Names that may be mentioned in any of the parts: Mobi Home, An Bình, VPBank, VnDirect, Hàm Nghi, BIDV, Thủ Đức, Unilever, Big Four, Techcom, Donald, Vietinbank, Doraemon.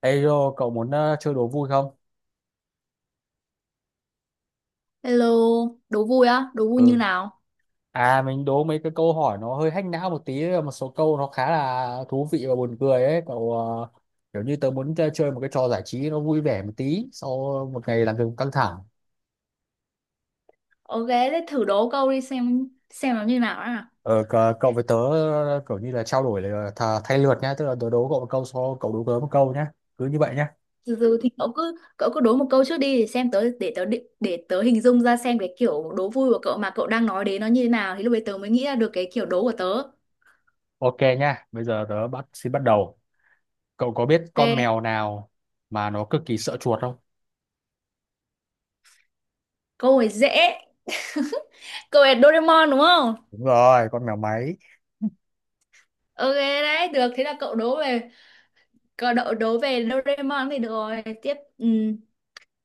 Ê Rô, cậu muốn chơi đố vui không? Hello, đố vui á, đố vui như Ừ. nào? Mình đố mấy cái câu hỏi nó hơi hack não một tí, một số câu nó khá là thú vị và buồn cười ấy. Kiểu như tớ muốn chơi một cái trò giải trí nó vui vẻ một tí sau một ngày làm việc căng thẳng. Ok, thế thử đố câu đi xem nó như nào á. Cậu với tớ, kiểu như là trao đổi là thay lượt nhá, tức là tớ đố cậu một câu sau cậu đố tớ một câu nhá. Cứ như vậy nhá. Từ từ thì cậu cứ đố một câu trước đi để xem tớ, để tớ hình dung ra xem cái kiểu đố vui của cậu mà cậu đang nói đến nó như thế nào thì lúc đấy tớ mới nghĩ ra được cái kiểu đố của tớ. Ok nhá, bây giờ tớ xin bắt đầu. Cậu có biết con Ok, mèo nào mà nó cực kỳ sợ chuột không? câu này dễ. Câu này Doraemon đúng không? Đúng rồi, con mèo máy. Ok đấy, được thế là cậu đố về cậu đố, đố về Doraemon thì được rồi. Tiếp, ừ.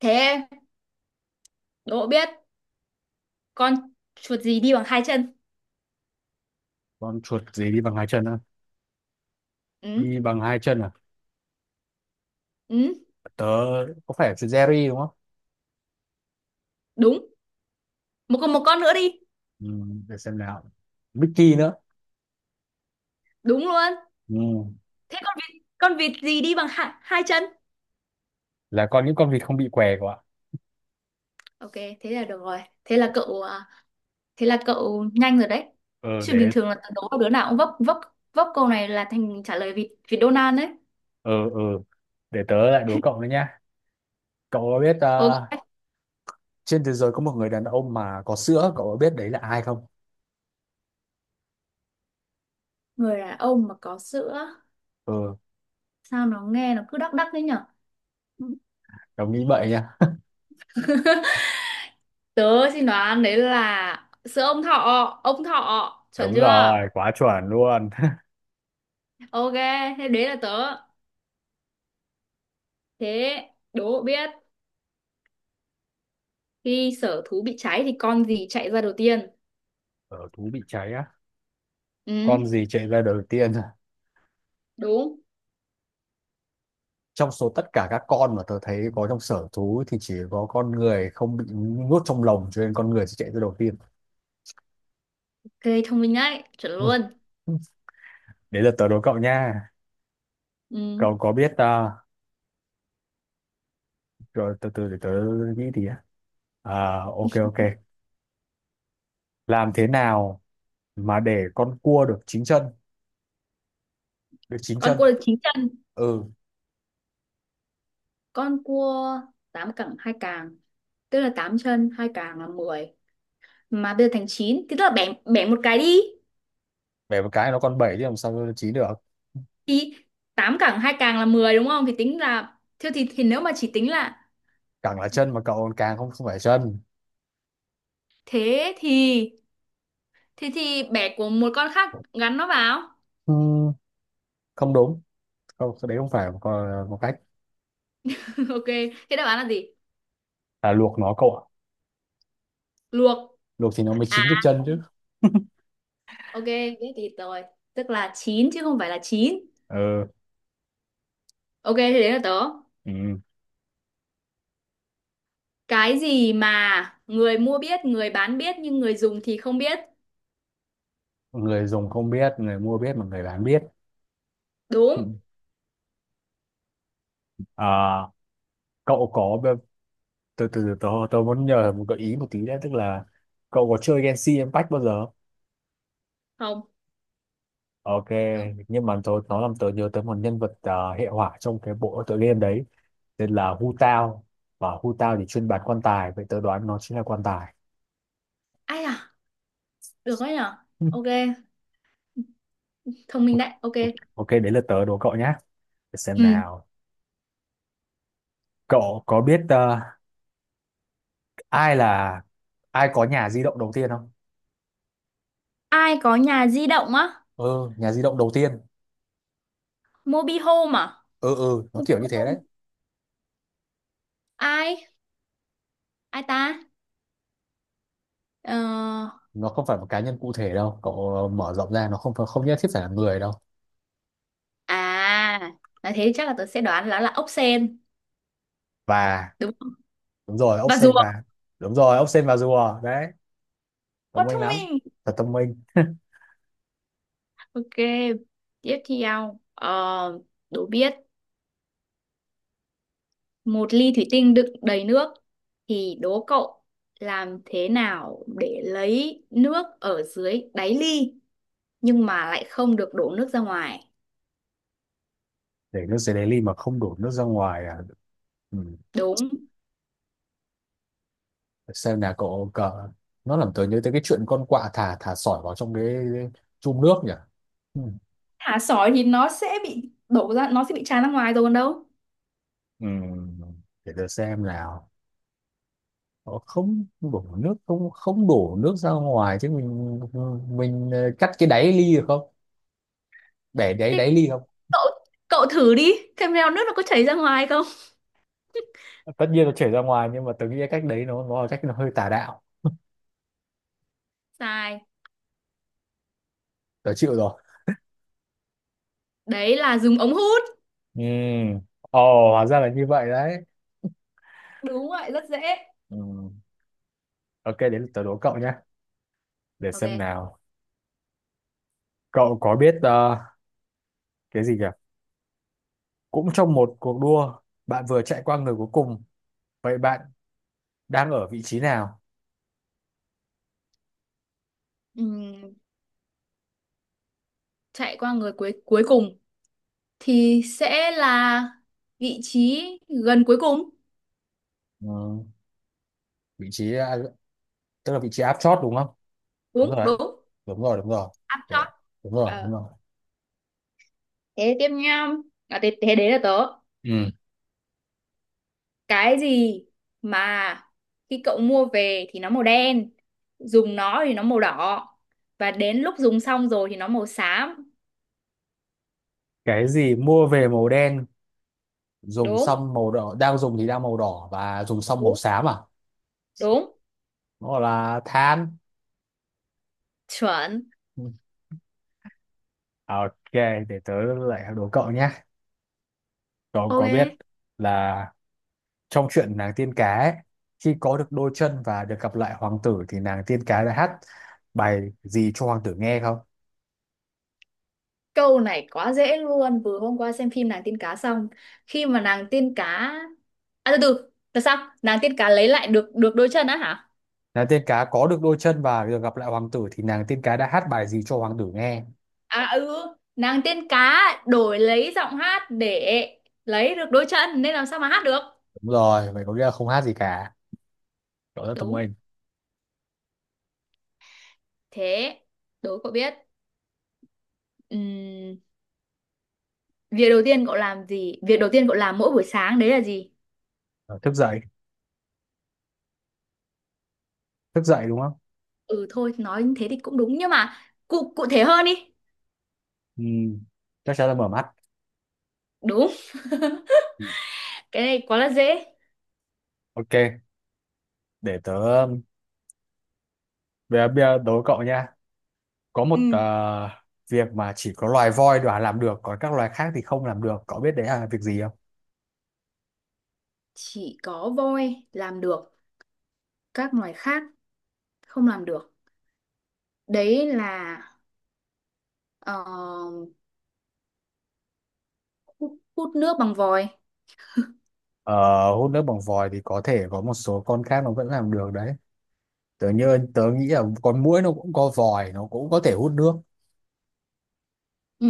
Thế đố biết con chuột gì đi bằng hai chân? Con chuột gì đi bằng hai chân á? Ừ. Đi bằng hai chân à, Ừ. tớ có phải là Jerry đúng không? Đúng. Một con nữa đi. Ừ, để xem nào. Mickey nữa. Đúng luôn. Ừ, Thế con vịt gì đi bằng hai chân? là con những con vịt không bị què của ạ. Ok thế là được rồi, thế là cậu à, thế là cậu nhanh rồi đấy, Ờ chứ bình để thường là tớ đố đứa nào cũng vấp. Vấp câu này là thành trả lời vịt vịt Donald đấy. ờ ờ Để tớ lại đố cậu nữa nhá. Cậu có biết, Ok, trên thế giới có một người đàn ông mà có sữa, cậu có biết đấy là ai không? người đàn ông mà có sữa, Ờ, sao nó nghe nó cứ đắc đắc đấy nhở. đồng nghĩ vậy nha. Tớ xin đoán đấy là sữa ông thọ. Ông thọ chuẩn Đúng chưa? rồi, quá chuẩn luôn. Ok, thế đấy là tớ. Thế, đố biết khi sở thú bị cháy thì con gì chạy ra đầu tiên? Ở thú bị cháy á, con Ừ. gì chạy ra đầu tiên? Đúng. Trong số tất cả các con mà tớ thấy có trong sở thú thì chỉ có con người không bị nuốt trong lồng cho nên con người sẽ chạy ra đầu tiên. Ok, thông minh đấy, chuẩn luôn. Ừ. Đấy là tớ đố cậu nha. Ừ. Cậu có biết à, Rồi từ từ để tớ nghĩ thì á. À, ok ok. Làm thế nào mà để con cua được chín chân, được chín Con chân? cua được chín chân? Ừ, Con cua tám cẳng hai càng, tức là tám chân hai càng là 10, mà bây giờ thành 9, thì tức là bẻ bẻ một cái đi. bẻ một cái nó còn bảy chứ làm sao nó chín được. Thì tám cẳng hai càng là 10 đúng không, thì tính là thế thì nếu mà chỉ tính là Càng là chân mà cậu còn càng không không phải chân. thế thì bẻ của một con khác gắn nó vào. Ừ, không đúng. Không, cái đấy không phải một cách Ok, thế đáp án là gì? là luộc nó cậu ạ. Luộc Luộc thì nó mới à. chín được chân chứ. Ok, biết thì rồi, tức là 9 chứ không phải là chín. Ừ, Ok, thế đấy là tớ. ừ. Cái gì mà người mua biết, người bán biết nhưng người dùng thì không biết. Người dùng không biết, người mua biết mà người bán biết. Đúng À, cậu có tôi từ từ tôi muốn nhờ một gợi ý một tí đấy, tức là cậu có chơi Genshin Impact bao giờ? không? Ok, Không. nhưng mà tôi nó làm tớ nhớ tới một nhân vật, hệ hỏa trong cái bộ tựa game đấy tên là Hu Tao, và Hu Tao thì chuyên bán quan tài, vậy tớ đoán nó chính là quan tài. Ai à? Được đấy nhở? Ok, thông minh Ok. đấy. Ok. Ok, đấy là tớ đố cậu nhé. Để xem Ừ. nào. Cậu có biết, ai là ai có nhà di động đầu tiên không? Ai có nhà di động á? Ừ, nhà di động đầu tiên. Mobi Home à? Ừ ừ, nó Mobi kiểu như thế đấy. Home. Ai? Ai ta? Ờ... Nó không phải một cá nhân cụ thể đâu cậu, mở rộng ra nó không nhất thiết phải là người đâu. À, nói thế thì chắc là tớ sẽ đoán là ốc sên. Và Đúng không? đúng rồi, ốc Và rùa. sên và đúng rồi, ốc sên và rùa đấy. Thông Quá minh thông lắm. minh. Thật thông minh. Ok. Tiếp theo. Ờ, đố biết một ly thủy tinh đựng đầy nước, thì đố cậu làm thế nào để lấy nước ở dưới đáy ly nhưng mà lại không được đổ nước ra ngoài. Để nước dưới đáy ly mà không đổ nước ra ngoài à? Ừ. Đúng. Xem nào cậu cờ, nó làm tớ nhớ tới cái chuyện con quạ thả thả sỏi vào trong cái chum nước nhỉ. Ừ. Thả sỏi thì nó sẽ bị đổ ra, nó sẽ bị tràn ra ngoài rồi còn đâu. Ừ. Để tớ xem nào. Ờ, không không đổ nước ra ngoài chứ mình, cắt cái đáy ly được không, để đáy Thế đáy ly không? cậu, cậu thử đi, xem nào nước nó có chảy ra ngoài không. Tất nhiên nó chảy ra ngoài nhưng mà tớ nghĩ cái cách đấy nó là cách nó hơi tà đạo. Sai. Tớ chịu rồi. Đấy là dùng ống hút. Ừ, ồ hóa ra là như vậy đấy. Đúng vậy, rất dễ. Ừ. Ok, đến lượt tớ đố cậu nhé. Để xem Ok. nào. Cậu có biết, ờ, cái gì nhỉ cũng trong một cuộc đua, bạn vừa chạy qua người cuối cùng, vậy bạn đang ở vị trí nào? Ừm, chạy qua người cuối cuối cùng thì sẽ là vị trí gần cuối cùng. Ừ. Vị trí, tức là vị trí áp chót đúng không? Đúng rồi Đúng đấy. đúng. Đúng rồi đúng rồi. Ăn Để- chót. đúng rồi đúng Ờ, rồi. thế tiếp nha. À, thế, thế đấy là tớ. Ừ. Cái gì mà khi cậu mua về thì nó màu đen, dùng nó thì nó màu đỏ, và đến lúc dùng xong rồi thì nó màu xám. Cái gì mua về màu đen, dùng Đúng. xong màu đỏ, đang dùng thì đang màu đỏ và dùng xong màu Đúng. xám à? Đúng. Nó gọi là than. Chuẩn. Ừ. À, ok. Để tớ lại đố cậu nhé. Cậu Ok, có biết là trong chuyện nàng tiên cá ấy, khi có được đôi chân và được gặp lại hoàng tử thì nàng tiên cá đã hát bài gì cho hoàng tử nghe không? câu này quá dễ luôn, vừa hôm qua xem phim nàng tiên cá xong. Khi mà nàng tiên cá, à từ từ là sao, nàng tiên cá lấy lại được được đôi chân á hả? Nàng tiên cá có được đôi chân và được gặp lại hoàng tử thì nàng tiên cá đã hát bài gì cho hoàng tử nghe. À ừ, nàng tiên cá đổi lấy giọng hát để lấy được đôi chân nên làm sao mà hát được. Đúng rồi, vậy có nghĩa là không hát gì cả. Cậu rất thông Đúng, minh. thế, đố cậu biết. Ừm, việc đầu tiên cậu làm gì? Việc đầu tiên cậu làm mỗi buổi sáng đấy là gì? Ờ, thức dậy, thức dậy đúng không? Ừ thôi, nói như thế thì cũng đúng nhưng mà cụ cụ thể hơn đi. ừ, Chắc chắn là mở mắt. Đúng, Ừ. cái này quá là dễ. Ok, để tớ bây giờ đố cậu nhé. Có một, Ừ, việc mà chỉ có loài voi đoả làm được còn các loài khác thì không làm được, cậu biết đấy là việc gì không? chỉ có voi làm được, các loài khác không làm được. Đấy là ờ, hút, hút nước bằng vòi. Ờ, hút nước bằng vòi thì có thể có một số con khác nó vẫn làm được đấy. Tớ nghĩ là con muỗi nó cũng có vòi, nó cũng có thể hút nước. Ừ,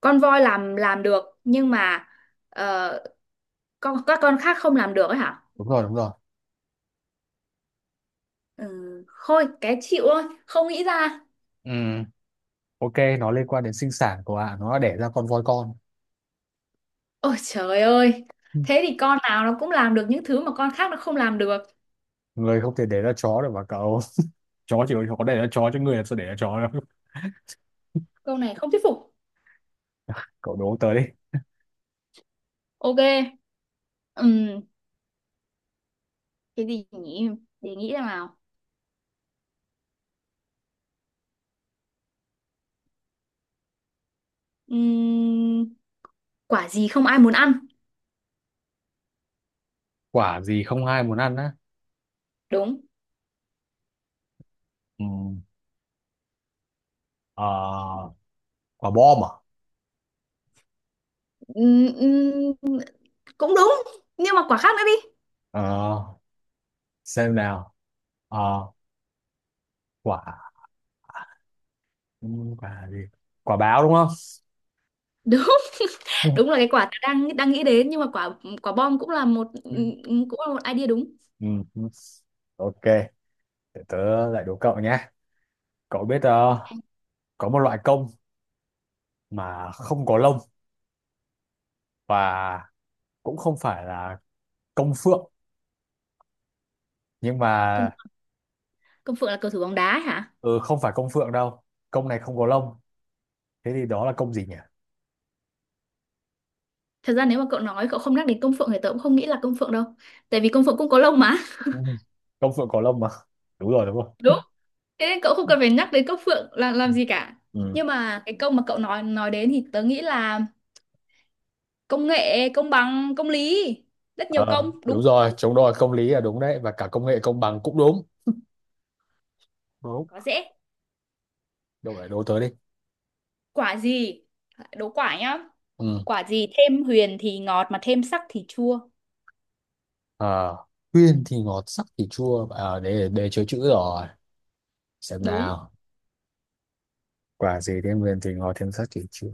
con voi làm được nhưng mà ờ, con các con khác không làm được ấy hả. Đúng rồi đúng rồi. Ừ, thôi cái chịu thôi không nghĩ ra. Ừ, ok, nó liên quan đến sinh sản của ạ, nó đã đẻ ra con voi con. Ôi trời ơi, Ừ. thế thì con nào nó cũng làm được những thứ mà con khác nó không làm được. Người không thể để ra chó được mà cậu. Chó chỉ có để ra chó chứ người làm sao để ra chó đâu. Câu này không thuyết phục. Cậu đố tớ đi. Ok. Ừm, cái gì nhỉ, để nghĩ ra nào. Ừm, quả gì không ai muốn ăn? Quả gì không ai muốn ăn á? Đúng. Ừ. Ờ, quả bom à? Ừm, ừm, cũng đúng nhưng mà quả khác nữa đi. Ờ, xem nào. Ờ, quả Quả gì, quả báo đúng không? Đúng. Ừ. Đúng là cái quả tớ đang đang nghĩ đến nhưng mà quả, quả bom cũng là một cũng là một idea đúng. Ừ. Ừ. Ok, để tớ lại đố cậu nhé. Cậu biết, có một loại công mà không có lông và cũng không phải là công phượng nhưng Công, mà... công phượng là cầu thủ bóng đá ấy hả? Ừ, không phải công phượng đâu, công này không có lông, thế thì đó là công gì nhỉ? Thật ra nếu mà cậu nói cậu không nhắc đến công phượng thì tớ cũng không nghĩ là công phượng đâu, tại vì công phượng cũng có lông mà. Ừ. Công phượng có lông mà, đúng rồi đúng không? Đúng, thế nên cậu không cần phải nhắc đến công phượng là làm gì cả. Ừ. Nhưng mà cái công mà cậu nói đến thì tớ nghĩ là công nghệ, công bằng, công lý, rất nhiều Ờ, công đúng. đúng rồi, chống đòi công lý là đúng đấy, và cả công nghệ công bằng cũng đúng. Đúng. Quá dễ. Cậu lại đố tớ đi. Quả gì, đố quả nhá. Ừ. Quả gì thêm huyền thì ngọt mà thêm sắc thì chua? Ờ, huyền thì ngọt sắc thì chua à, để chữ rồi, xem Đúng. nào. Quả gì thêm huyền thì ngọt thêm sắc thì chua,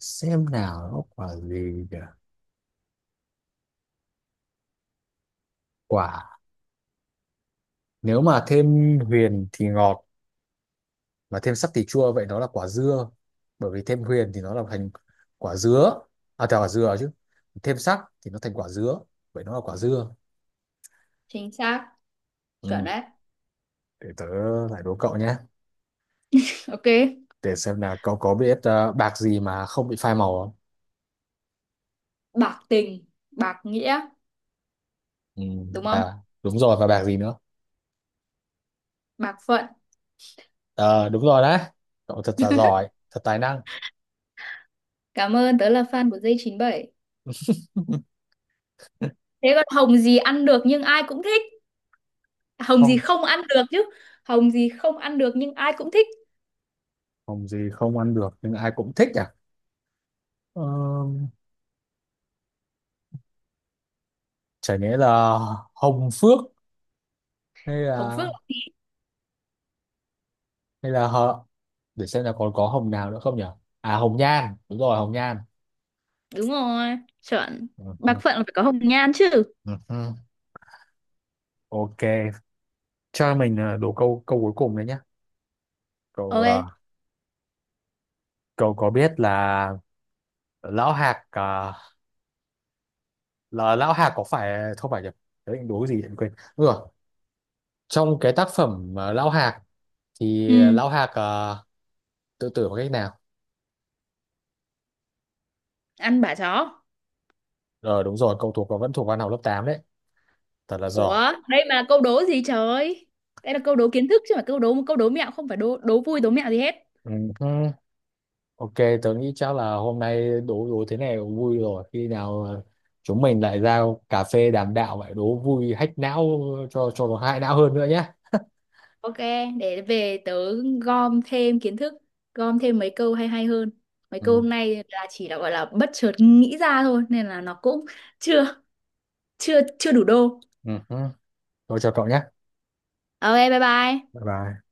xem nào nó quả gì nhỉ? Quả, nếu mà thêm huyền thì ngọt mà thêm sắc thì chua, vậy nó là quả dưa, bởi vì thêm huyền thì nó là thành quả dứa, à thành quả dừa chứ, thêm sắc thì nó thành quả dứa, vậy nó là quả dưa. Chính xác. Chuẩn Ừ. đấy. Để tớ lại đố cậu nhé. Ok, Để xem là cậu có biết, bạc gì mà không bị phai màu không? bạc tình, bạc nghĩa, Ừ. đúng không? Đúng rồi, và bạc gì nữa? Bạc phận. Ờ đúng rồi đấy, cậu thật là giỏi, thật tài năng. Cảm ơn, tớ là fan của dây 97. Thế còn hồng gì ăn được nhưng ai cũng thích. Hồng gì Không. không ăn được chứ. Hồng gì không ăn được nhưng ai cũng thích. Hồng gì không ăn được nhưng ai cũng thích à? Ờ, chả nhẽ là hồng phước, hay Hồng phượng. là, hay là hợ để xem là còn có hồng nào nữa không nhỉ. À hồng nhan, đúng rồi hồng nhan. Đúng rồi, chuẩn. Ừ, Bạc ừ, phận là phải có hồng nhan chứ. ừ, ừ. Ok, cho mình, đố câu câu cuối cùng đấy nhá. cậu ờ, Ok. Cậu có biết là lão hạc, ờ, là lão hạc có phải không phải nhỉ đấy đố cái gì vậy? Quên ừ, trong cái tác phẩm, Lão Hạc thì Ừ, Lão Hạc, tự tử bằng cách nào? ăn bả chó. Ờ đúng rồi, cậu thuộc và vẫn thuộc văn học lớp 8 đấy. Thật là giỏi. Ủa, đây mà là câu đố gì trời? Đây là câu đố kiến thức chứ, mà câu đố, câu đố mẹo không phải đố, đố vui, đố mẹo gì hết. Ừ, hứ. Ok, tớ nghĩ chắc là hôm nay đố đố thế này cũng vui rồi. Khi nào, chúng mình lại ra cà phê đàm đạo vậy đố vui hack não, cho nó hại não hơn nữa nhé. Ok, để về tớ gom thêm kiến thức, gom thêm mấy câu hay hay hơn. Mấy câu Ừ, hôm nay là chỉ là gọi là bất chợt nghĩ ra thôi nên là nó cũng chưa chưa chưa đủ đô. ừ, hứ. Thôi chào cậu nhé. Ok, bye bye. Bye bye.